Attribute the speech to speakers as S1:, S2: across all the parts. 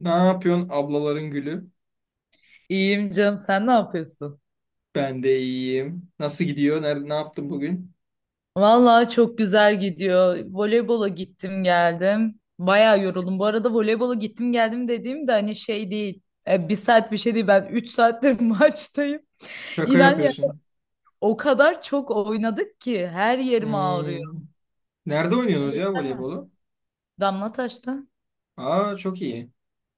S1: Ne yapıyorsun ablaların gülü?
S2: İyiyim canım, sen ne yapıyorsun?
S1: Ben de iyiyim. Nasıl gidiyor? Nerede, ne yaptın bugün?
S2: Vallahi çok güzel gidiyor. Voleybola gittim geldim. Bayağı yoruldum. Bu arada voleybola gittim geldim dediğim de hani şey değil. Bir saat bir şey değil, ben 3 saattir maçtayım.
S1: Şaka
S2: İnan ya,
S1: yapıyorsun.
S2: o kadar çok oynadık ki her yerim ağrıyor.
S1: Hmm. Nerede oynuyorsunuz ya voleybolu?
S2: Damlataş'ta
S1: Aa çok iyi.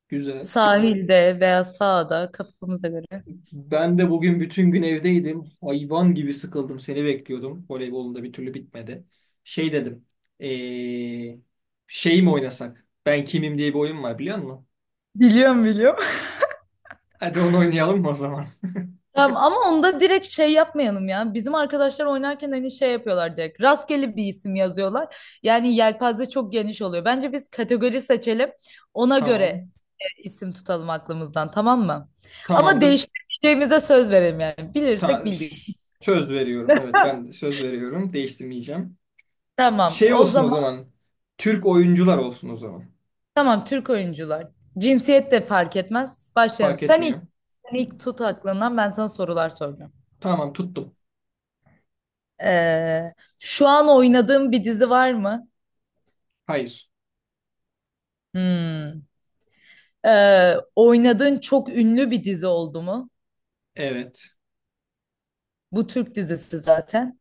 S1: Güzel.
S2: sahilde veya sahada kafamıza göre.
S1: Ben de bugün bütün gün evdeydim. Hayvan gibi sıkıldım. Seni bekliyordum. Voleybolun da bir türlü bitmedi. Şey dedim. Ee, Şey mi oynasak? Ben kimim diye bir oyun var biliyor musun?
S2: Biliyorum biliyorum.
S1: Hadi onu oynayalım mı o zaman?
S2: Ya ama onda direkt şey yapmayalım ya. Bizim arkadaşlar oynarken hani şey yapıyorlar direkt. Rastgele bir isim yazıyorlar. Yani yelpaze çok geniş oluyor. Bence biz kategori seçelim. Ona göre
S1: Tamam.
S2: isim tutalım aklımızdan, tamam mı? Ama
S1: Tamamdır.
S2: değiştireceğimize söz verelim yani. Bilirsek
S1: Ta-
S2: bildik.
S1: Söz veriyorum. Evet ben de söz veriyorum. Değiştirmeyeceğim.
S2: Tamam.
S1: Şey
S2: O
S1: olsun o
S2: zaman
S1: zaman. Türk oyuncular olsun o zaman.
S2: tamam, Türk oyuncular. Cinsiyet de fark etmez. Başlayalım.
S1: Fark
S2: Sen ilk,
S1: etmiyor.
S2: sen ilk tut aklından, ben sana sorular soracağım.
S1: Tamam tuttum.
S2: Ee, şu an oynadığım bir dizi var mı?
S1: Hayır.
S2: Hmm. Oynadığın çok ünlü bir dizi oldu mu?
S1: Evet.
S2: Bu Türk dizisi zaten.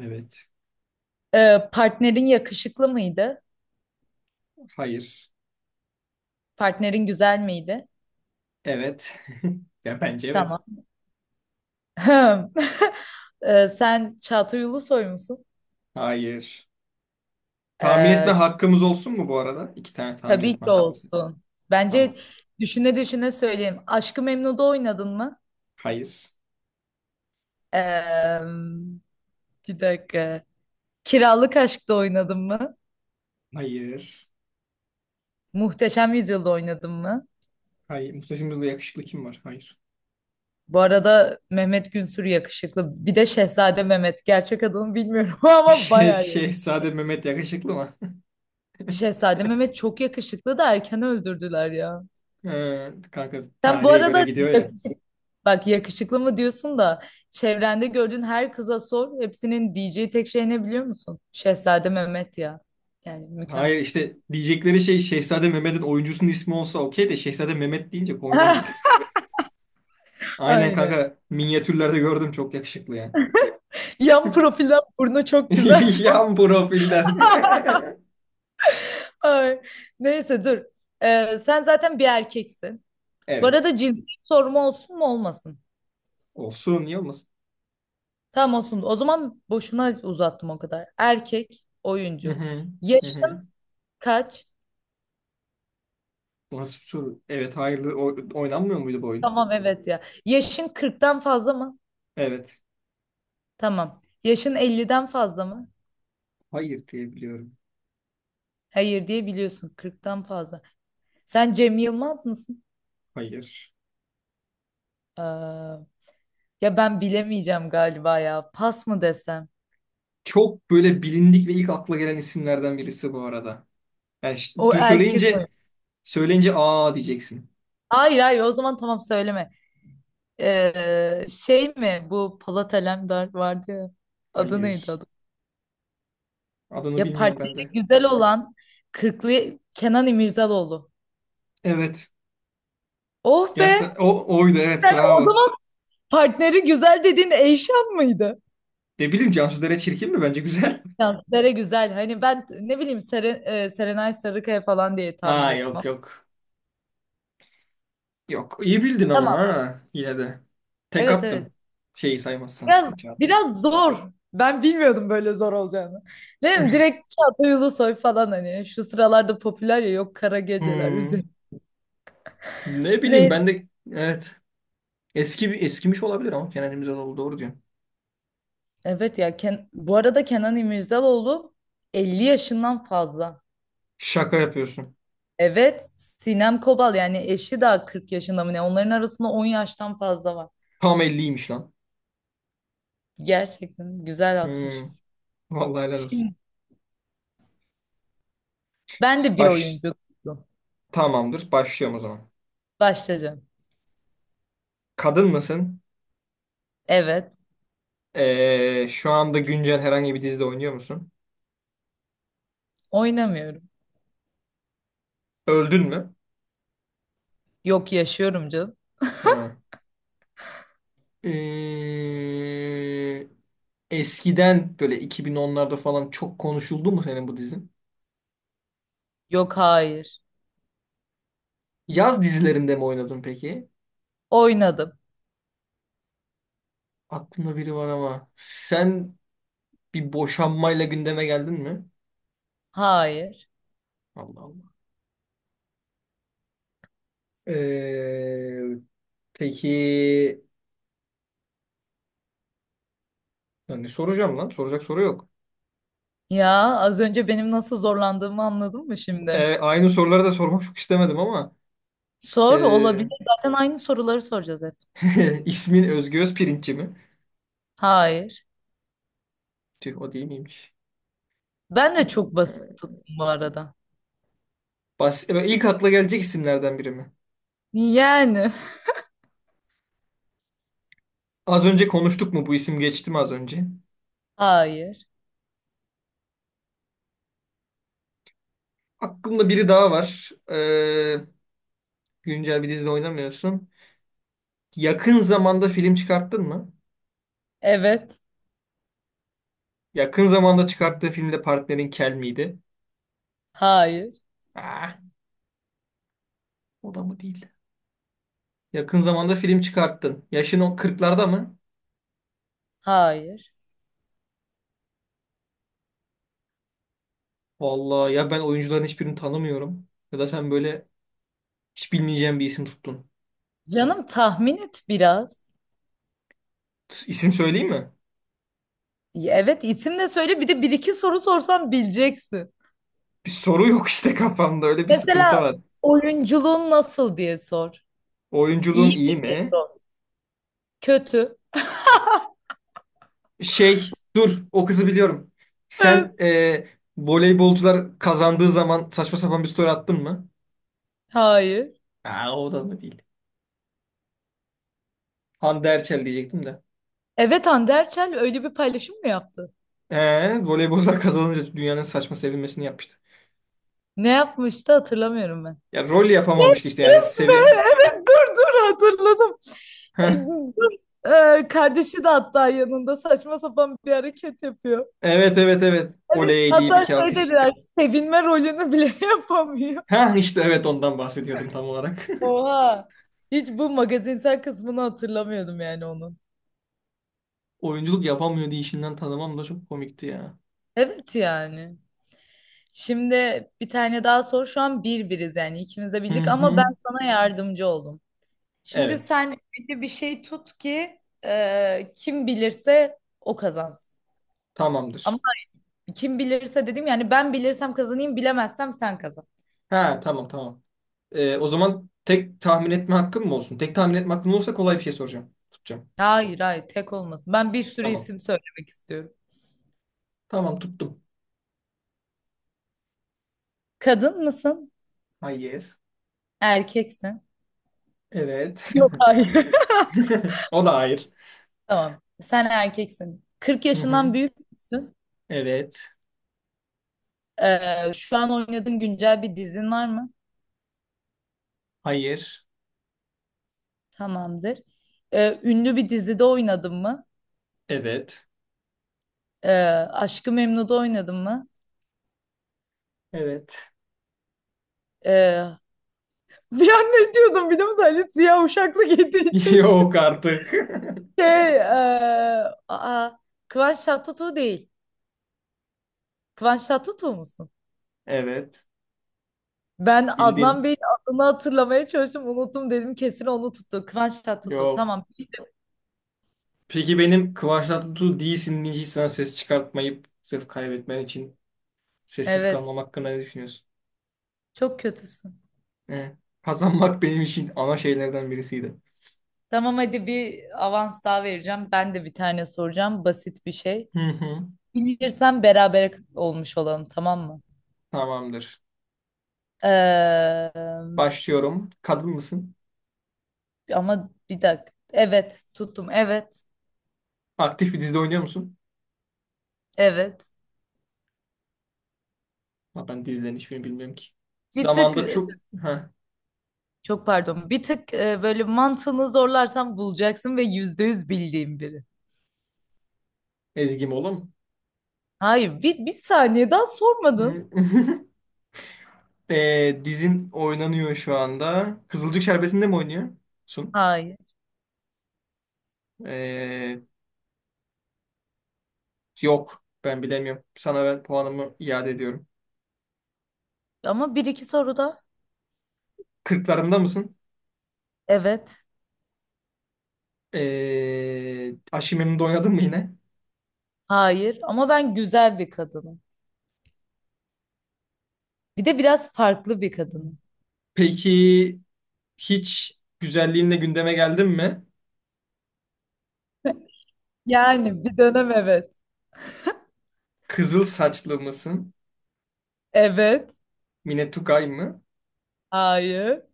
S1: Evet.
S2: Partnerin yakışıklı mıydı?
S1: Hayır.
S2: Partnerin güzel miydi?
S1: Evet. Ya bence evet.
S2: Tamam. Sen Çağatay Ulusoy musun?
S1: Hayır. Tahmin etme
S2: Ee,
S1: hakkımız olsun mu bu arada? İki tane tahmin
S2: tabii
S1: etme
S2: ki
S1: hakkımız.
S2: olsun. Bence
S1: Tamam.
S2: düşüne düşüne söyleyeyim. Aşk-ı Memnu'da oynadın mı?
S1: Hayır.
S2: Ee, bir dakika. Kiralık Aşk'ta oynadın mı?
S1: Hayır.
S2: Muhteşem Yüzyıl'da oynadın mı?
S1: Hayır. Mustafa'mızda yakışıklı kim var? Hayır.
S2: Bu arada Mehmet Günsür yakışıklı. Bir de Şehzade Mehmet. Gerçek adını bilmiyorum ama bayağı yakışıklı.
S1: Şehzade Mehmet yakışıklı mı?
S2: Şehzade Mehmet çok yakışıklı da erken öldürdüler ya.
S1: Kanka
S2: Sen bu
S1: tarihe göre
S2: arada
S1: gidiyor
S2: yak-
S1: ya.
S2: bak, yakışıklı mı diyorsun da çevrende gördüğün her kıza sor. Hepsinin diyeceği tek şey ne biliyor musun? Şehzade Mehmet ya. Yani
S1: Hayır,
S2: mükemmel.
S1: işte diyecekleri şey Şehzade Mehmet'in oyuncusunun ismi olsa okey de Şehzade Mehmet deyince komiğime gitti. Aynen
S2: Aynen.
S1: kanka, minyatürlerde gördüm çok yakışıklı yani.
S2: Yan profilden burnu çok güzel.
S1: Yan profilden.
S2: Ay. Neyse dur. Sen zaten bir erkeksin. Bu
S1: Evet.
S2: arada cinsiyet sorumu olsun mu olmasın?
S1: Olsun, niye olmasın?
S2: Tamam, olsun. O zaman boşuna uzattım o kadar. Erkek
S1: Hı
S2: oyuncu.
S1: hı. Hı hı.
S2: Yaşın kaç?
S1: Bu nasıl bir soru? Evet, hayırlı oynanmıyor muydu bu oyun?
S2: Tamam evet ya. Yaşın 40'tan fazla mı?
S1: Evet.
S2: Tamam. Yaşın 50'den fazla mı?
S1: Hayır diye biliyorum.
S2: Hayır diye biliyorsun. 40'tan fazla. Sen Cem Yılmaz mısın?
S1: Hayır.
S2: Ee, ya ben bilemeyeceğim galiba ya. Pas mı desem?
S1: Çok böyle bilindik ve ilk akla gelen isimlerden birisi bu arada. Yani ş-
S2: O
S1: du
S2: erkek
S1: söyleyince
S2: oyuncu.
S1: söyleyince aa diyeceksin.
S2: Hayır hayır, o zaman tamam, söyleme. Şey mi, bu Polat Alemdar vardı ya. Adı neydi,
S1: Hayır.
S2: adı?
S1: Adını
S2: Ya
S1: bilmiyorum ben
S2: partneri
S1: de.
S2: güzel olan kırklı Kenan İmirzalıoğlu.
S1: Evet.
S2: Oh be!
S1: Gerçekten o oydu, evet,
S2: Sen o
S1: bravo.
S2: zaman partneri güzel dediğin Eyşan mıydı?
S1: Ne bileyim, Cansu Dere çirkin mi? Bence güzel.
S2: Ya Sere güzel. Hani ben ne bileyim, Serenay Sarıkaya falan diye tahmin
S1: Aa,
S2: ettim
S1: yok
S2: ama.
S1: yok. Yok, iyi bildin ama,
S2: Tamam.
S1: ha, yine de. Tek
S2: Evet
S1: attın.
S2: evet.
S1: Şeyi saymazsan
S2: Biraz
S1: işte, Çağatay.
S2: biraz zor. Ben bilmiyordum böyle zor olacağını. Ne bileyim, direkt Çağatay Ulusoy falan, hani şu sıralarda popüler ya, yok kara geceler
S1: Hmm.
S2: üzeri.
S1: Ne bileyim,
S2: Neyse.
S1: ben de evet. Eski bir, eskimiş olabilir ama Kenan İmirzalıoğlu doğru diyorsun.
S2: Evet ya, bu arada Kenan İmirzalıoğlu 50 yaşından fazla.
S1: Şaka yapıyorsun.
S2: Evet, Sinem Kobal yani eşi daha 40 yaşında mı ne? Onların arasında 10 yaştan fazla var.
S1: Tam 50'ymiş lan.
S2: Gerçekten güzel
S1: Hmm.
S2: atmış.
S1: Vallahi helal olsun.
S2: Şimdi ben de bir
S1: Baş,
S2: oyuncu
S1: tamamdır. Başlıyorum o zaman.
S2: başlayacağım.
S1: Kadın mısın?
S2: Evet,
S1: Şu anda güncel herhangi bir dizide oynuyor musun?
S2: oynamıyorum.
S1: Öldün mü?
S2: Yok, yaşıyorum canım.
S1: Hı. Ee, Eskiden böyle 2010'larda falan çok konuşuldu mu senin bu dizin?
S2: Yok hayır.
S1: Yaz dizilerinde mi oynadın peki?
S2: Oynadım.
S1: Aklımda biri var ama sen bir boşanmayla gündeme geldin mi?
S2: Hayır.
S1: Allah Allah. Ee, peki, yani soracağım lan. Soracak soru yok.
S2: Ya, az önce benim nasıl zorlandığımı anladın mı şimdi?
S1: Aynı soruları da sormak çok istemedim ama
S2: Sor,
S1: ee,
S2: olabilir. Zaten aynı soruları soracağız hep.
S1: ismin Özgü Özpirinççi mi?
S2: Hayır.
S1: Tüh, o değil miymiş?
S2: Ben de
S1: Ee,
S2: çok basit tuttum bu arada.
S1: İlk akla gelecek isimlerden biri mi?
S2: Yani.
S1: Az önce konuştuk mu? Bu isim geçti mi az önce?
S2: Hayır.
S1: Aklımda biri daha var. Güncel bir dizide oynamıyorsun. Yakın zamanda film çıkarttın mı?
S2: Evet.
S1: Yakın zamanda çıkarttığı filmde partnerin kel miydi?
S2: Hayır.
S1: Ah, o da mı değil? Yakın zamanda film çıkarttın. Yaşın o kırklarda mı?
S2: Hayır.
S1: Vallahi ya, ben oyuncuların hiçbirini tanımıyorum. Ya da sen böyle hiç bilmeyeceğim bir isim tuttun.
S2: Canım tahmin et biraz.
S1: İsim söyleyeyim mi?
S2: Ya evet, isim de söyle, bir de bir iki soru sorsam bileceksin.
S1: Bir soru yok işte kafamda. Öyle bir sıkıntı
S2: Mesela
S1: var.
S2: oyunculuğun nasıl diye sor. İyi
S1: Oyunculuğun iyi
S2: mi diye
S1: mi?
S2: sor. Kötü.
S1: Şey dur, o kızı biliyorum.
S2: Ö.
S1: Sen voleybolcular kazandığı zaman saçma sapan bir story attın mı?
S2: Hayır.
S1: Aa, o da mı değil. Hande Erçel diyecektim de.
S2: Evet, Hande Erçel öyle bir paylaşım mı yaptı?
S1: Voleybolcular kazanınca dünyanın saçma sevinmesini yapmıştı.
S2: Ne yapmıştı, hatırlamıyorum ben.
S1: Ya rol yapamamıştı işte yani.
S2: Yes be!
S1: Sevi,
S2: Evet, dur dur, hatırladım. E,
S1: heh,
S2: dur. Kardeşi de hatta yanında saçma sapan bir hareket yapıyor.
S1: evet evet evet.
S2: Hani
S1: Oley deyip
S2: hatta
S1: iki
S2: şey
S1: alkış.
S2: dediler, sevinme rolünü bile yapamıyor.
S1: Heh, işte evet, ondan bahsediyordum tam olarak.
S2: Oha. Hiç bu magazinsel kısmını hatırlamıyordum yani onun.
S1: Oyunculuk yapamıyor diye işinden tanımam da çok komikti ya.
S2: Evet yani. Şimdi bir tane daha sor. Şu an bir biriz yani, ikimiz de
S1: Hı
S2: bildik ama ben
S1: hı.
S2: sana yardımcı oldum. Şimdi
S1: Evet.
S2: sen öyle bir şey tut ki, kim bilirse o kazansın. Ama
S1: Tamamdır.
S2: kim bilirse dedim yani, ben bilirsem kazanayım, bilemezsem sen kazan.
S1: Ha, tamam tamam. O zaman tek tahmin etme hakkım mı olsun? Tek tahmin etme hakkım olursa kolay bir şey soracağım. Tutacağım.
S2: Hayır hayır, tek olmasın. Ben bir sürü
S1: Tamam.
S2: isim söylemek istiyorum.
S1: Tamam tuttum.
S2: Kadın mısın?
S1: Hayır.
S2: Erkeksin.
S1: Evet.
S2: Yok hayır.
S1: O da hayır.
S2: Tamam. Sen erkeksin. 40
S1: Hı hı.
S2: yaşından büyük müsün?
S1: Evet.
S2: Şu an oynadığın güncel bir dizin var mı?
S1: Hayır.
S2: Tamamdır. Ünlü bir dizide oynadın mı?
S1: Evet.
S2: Ee, Aşk-ı Memnu'da oynadın mı?
S1: Evet.
S2: Ee, bir an ne diyordum biliyor musun? Ali Siyah Uşaklı getirecek.
S1: Yok artık.
S2: Şey, ee, aa, Kıvanç Tatlıtuğ değil. Kıvanç Tatlıtuğ musun?
S1: Evet.
S2: Ben Adnan
S1: Bildin.
S2: Bey'in adını hatırlamaya çalıştım. Unuttum dedim, kesin onu tuttu. Kıvanç Tatlıtuğ.
S1: Yok.
S2: Tamam.
S1: Peki benim Kıvanç Tatlıtuğ değilsin diye hiç sana ses çıkartmayıp sırf kaybetmen için sessiz
S2: Evet.
S1: kalmam hakkında ne düşünüyorsun?
S2: Çok kötüsün.
S1: He. Kazanmak benim için ana şeylerden birisiydi.
S2: Tamam hadi, bir avans daha vereceğim. Ben de bir tane soracağım. Basit bir şey.
S1: Hı hı.
S2: Bilirsen beraber olmuş olalım, tamam mı?
S1: Tamamdır.
S2: Ee,
S1: Başlıyorum. Kadın mısın?
S2: ama bir dakika. Evet tuttum. Evet.
S1: Aktif bir dizide oynuyor musun?
S2: Evet.
S1: Ha, ben dizilerin hiçbirini bilmiyorum ki.
S2: Bir tık,
S1: Zamanda çok... Ha,
S2: çok pardon. Bir tık, böyle mantığını zorlarsan bulacaksın ve %100 bildiğin biri.
S1: Ezgi Mola.
S2: Hayır, bir saniye daha sormadın.
S1: Hı. Dizin oynanıyor şu anda. Kızılcık Şerbeti'nde mi oynuyorsun?
S2: Hayır.
S1: Ee, Yok, ben bilemiyorum. Sana ben puanımı iade ediyorum.
S2: Ama bir iki soru da.
S1: Kırklarında mısın?
S2: Evet.
S1: Aşçı Memnu'da oynadın mı yine?
S2: Hayır. Ama ben güzel bir kadınım. Bir de biraz farklı bir kadınım.
S1: Peki, hiç güzelliğinle gündeme geldin mi?
S2: Yani bir dönem evet.
S1: Kızıl saçlı mısın?
S2: Evet.
S1: Mine Tugay mı?
S2: Hayır.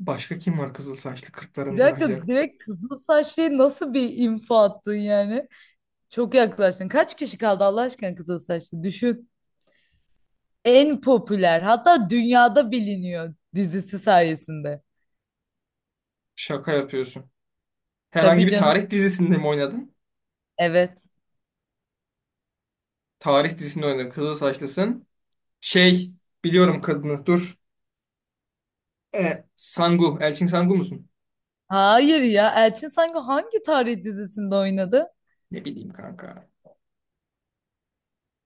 S1: Başka kim var kızıl saçlı
S2: Bir
S1: kırklarında
S2: dakika.
S1: güzel?
S2: Bak, direkt kızıl saçlıya nasıl bir info attın yani? Çok yaklaştın. Kaç kişi kaldı Allah aşkına kızıl saçlı? Düşün. En popüler, hatta dünyada biliniyor dizisi sayesinde.
S1: Şaka yapıyorsun. Herhangi
S2: Tabii
S1: bir
S2: canım.
S1: tarih dizisinde mi oynadın?
S2: Evet.
S1: Tarih dizisinde oynadın. Kızıl saçlısın. Şey, biliyorum kadını, dur. E, Sangu. Elçin Sangu musun?
S2: Hayır ya. Elçin sanki hangi tarih dizisinde oynadı?
S1: Ne bileyim kanka.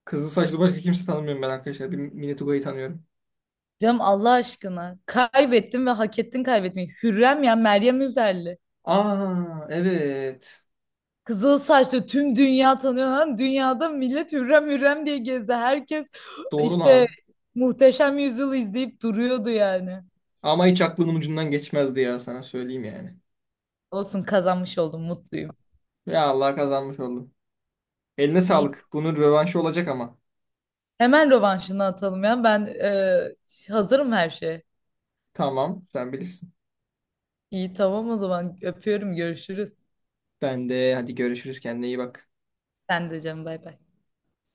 S1: Kızıl saçlı başka kimse tanımıyorum ben, arkadaşlar. Bir Mine Tugay'ı tanıyorum.
S2: Canım, Allah aşkına. Kaybettin ve hak ettin kaybetmeyi. Hürrem ya, Meryem Üzerli.
S1: Aa evet.
S2: Kızıl saçlı, tüm dünya tanıyor lan. Dünyada millet hürrem hürrem diye gezdi. Herkes
S1: Doğru
S2: işte
S1: lan.
S2: Muhteşem Yüzyıl'ı izleyip duruyordu yani.
S1: Ama hiç aklımın ucundan geçmezdi ya, sana söyleyeyim yani.
S2: Olsun, kazanmış oldum, mutluyum.
S1: Ya Allah, kazanmış oldum. Eline
S2: İyi.
S1: sağlık. Bunun rövanşı olacak ama.
S2: Hemen rövanşını atalım ya. Ben hazırım her şeye.
S1: Tamam, sen bilirsin.
S2: İyi tamam, o zaman öpüyorum, görüşürüz.
S1: Ben de, hadi görüşürüz, kendine iyi bak.
S2: Sen de canım, bay bay.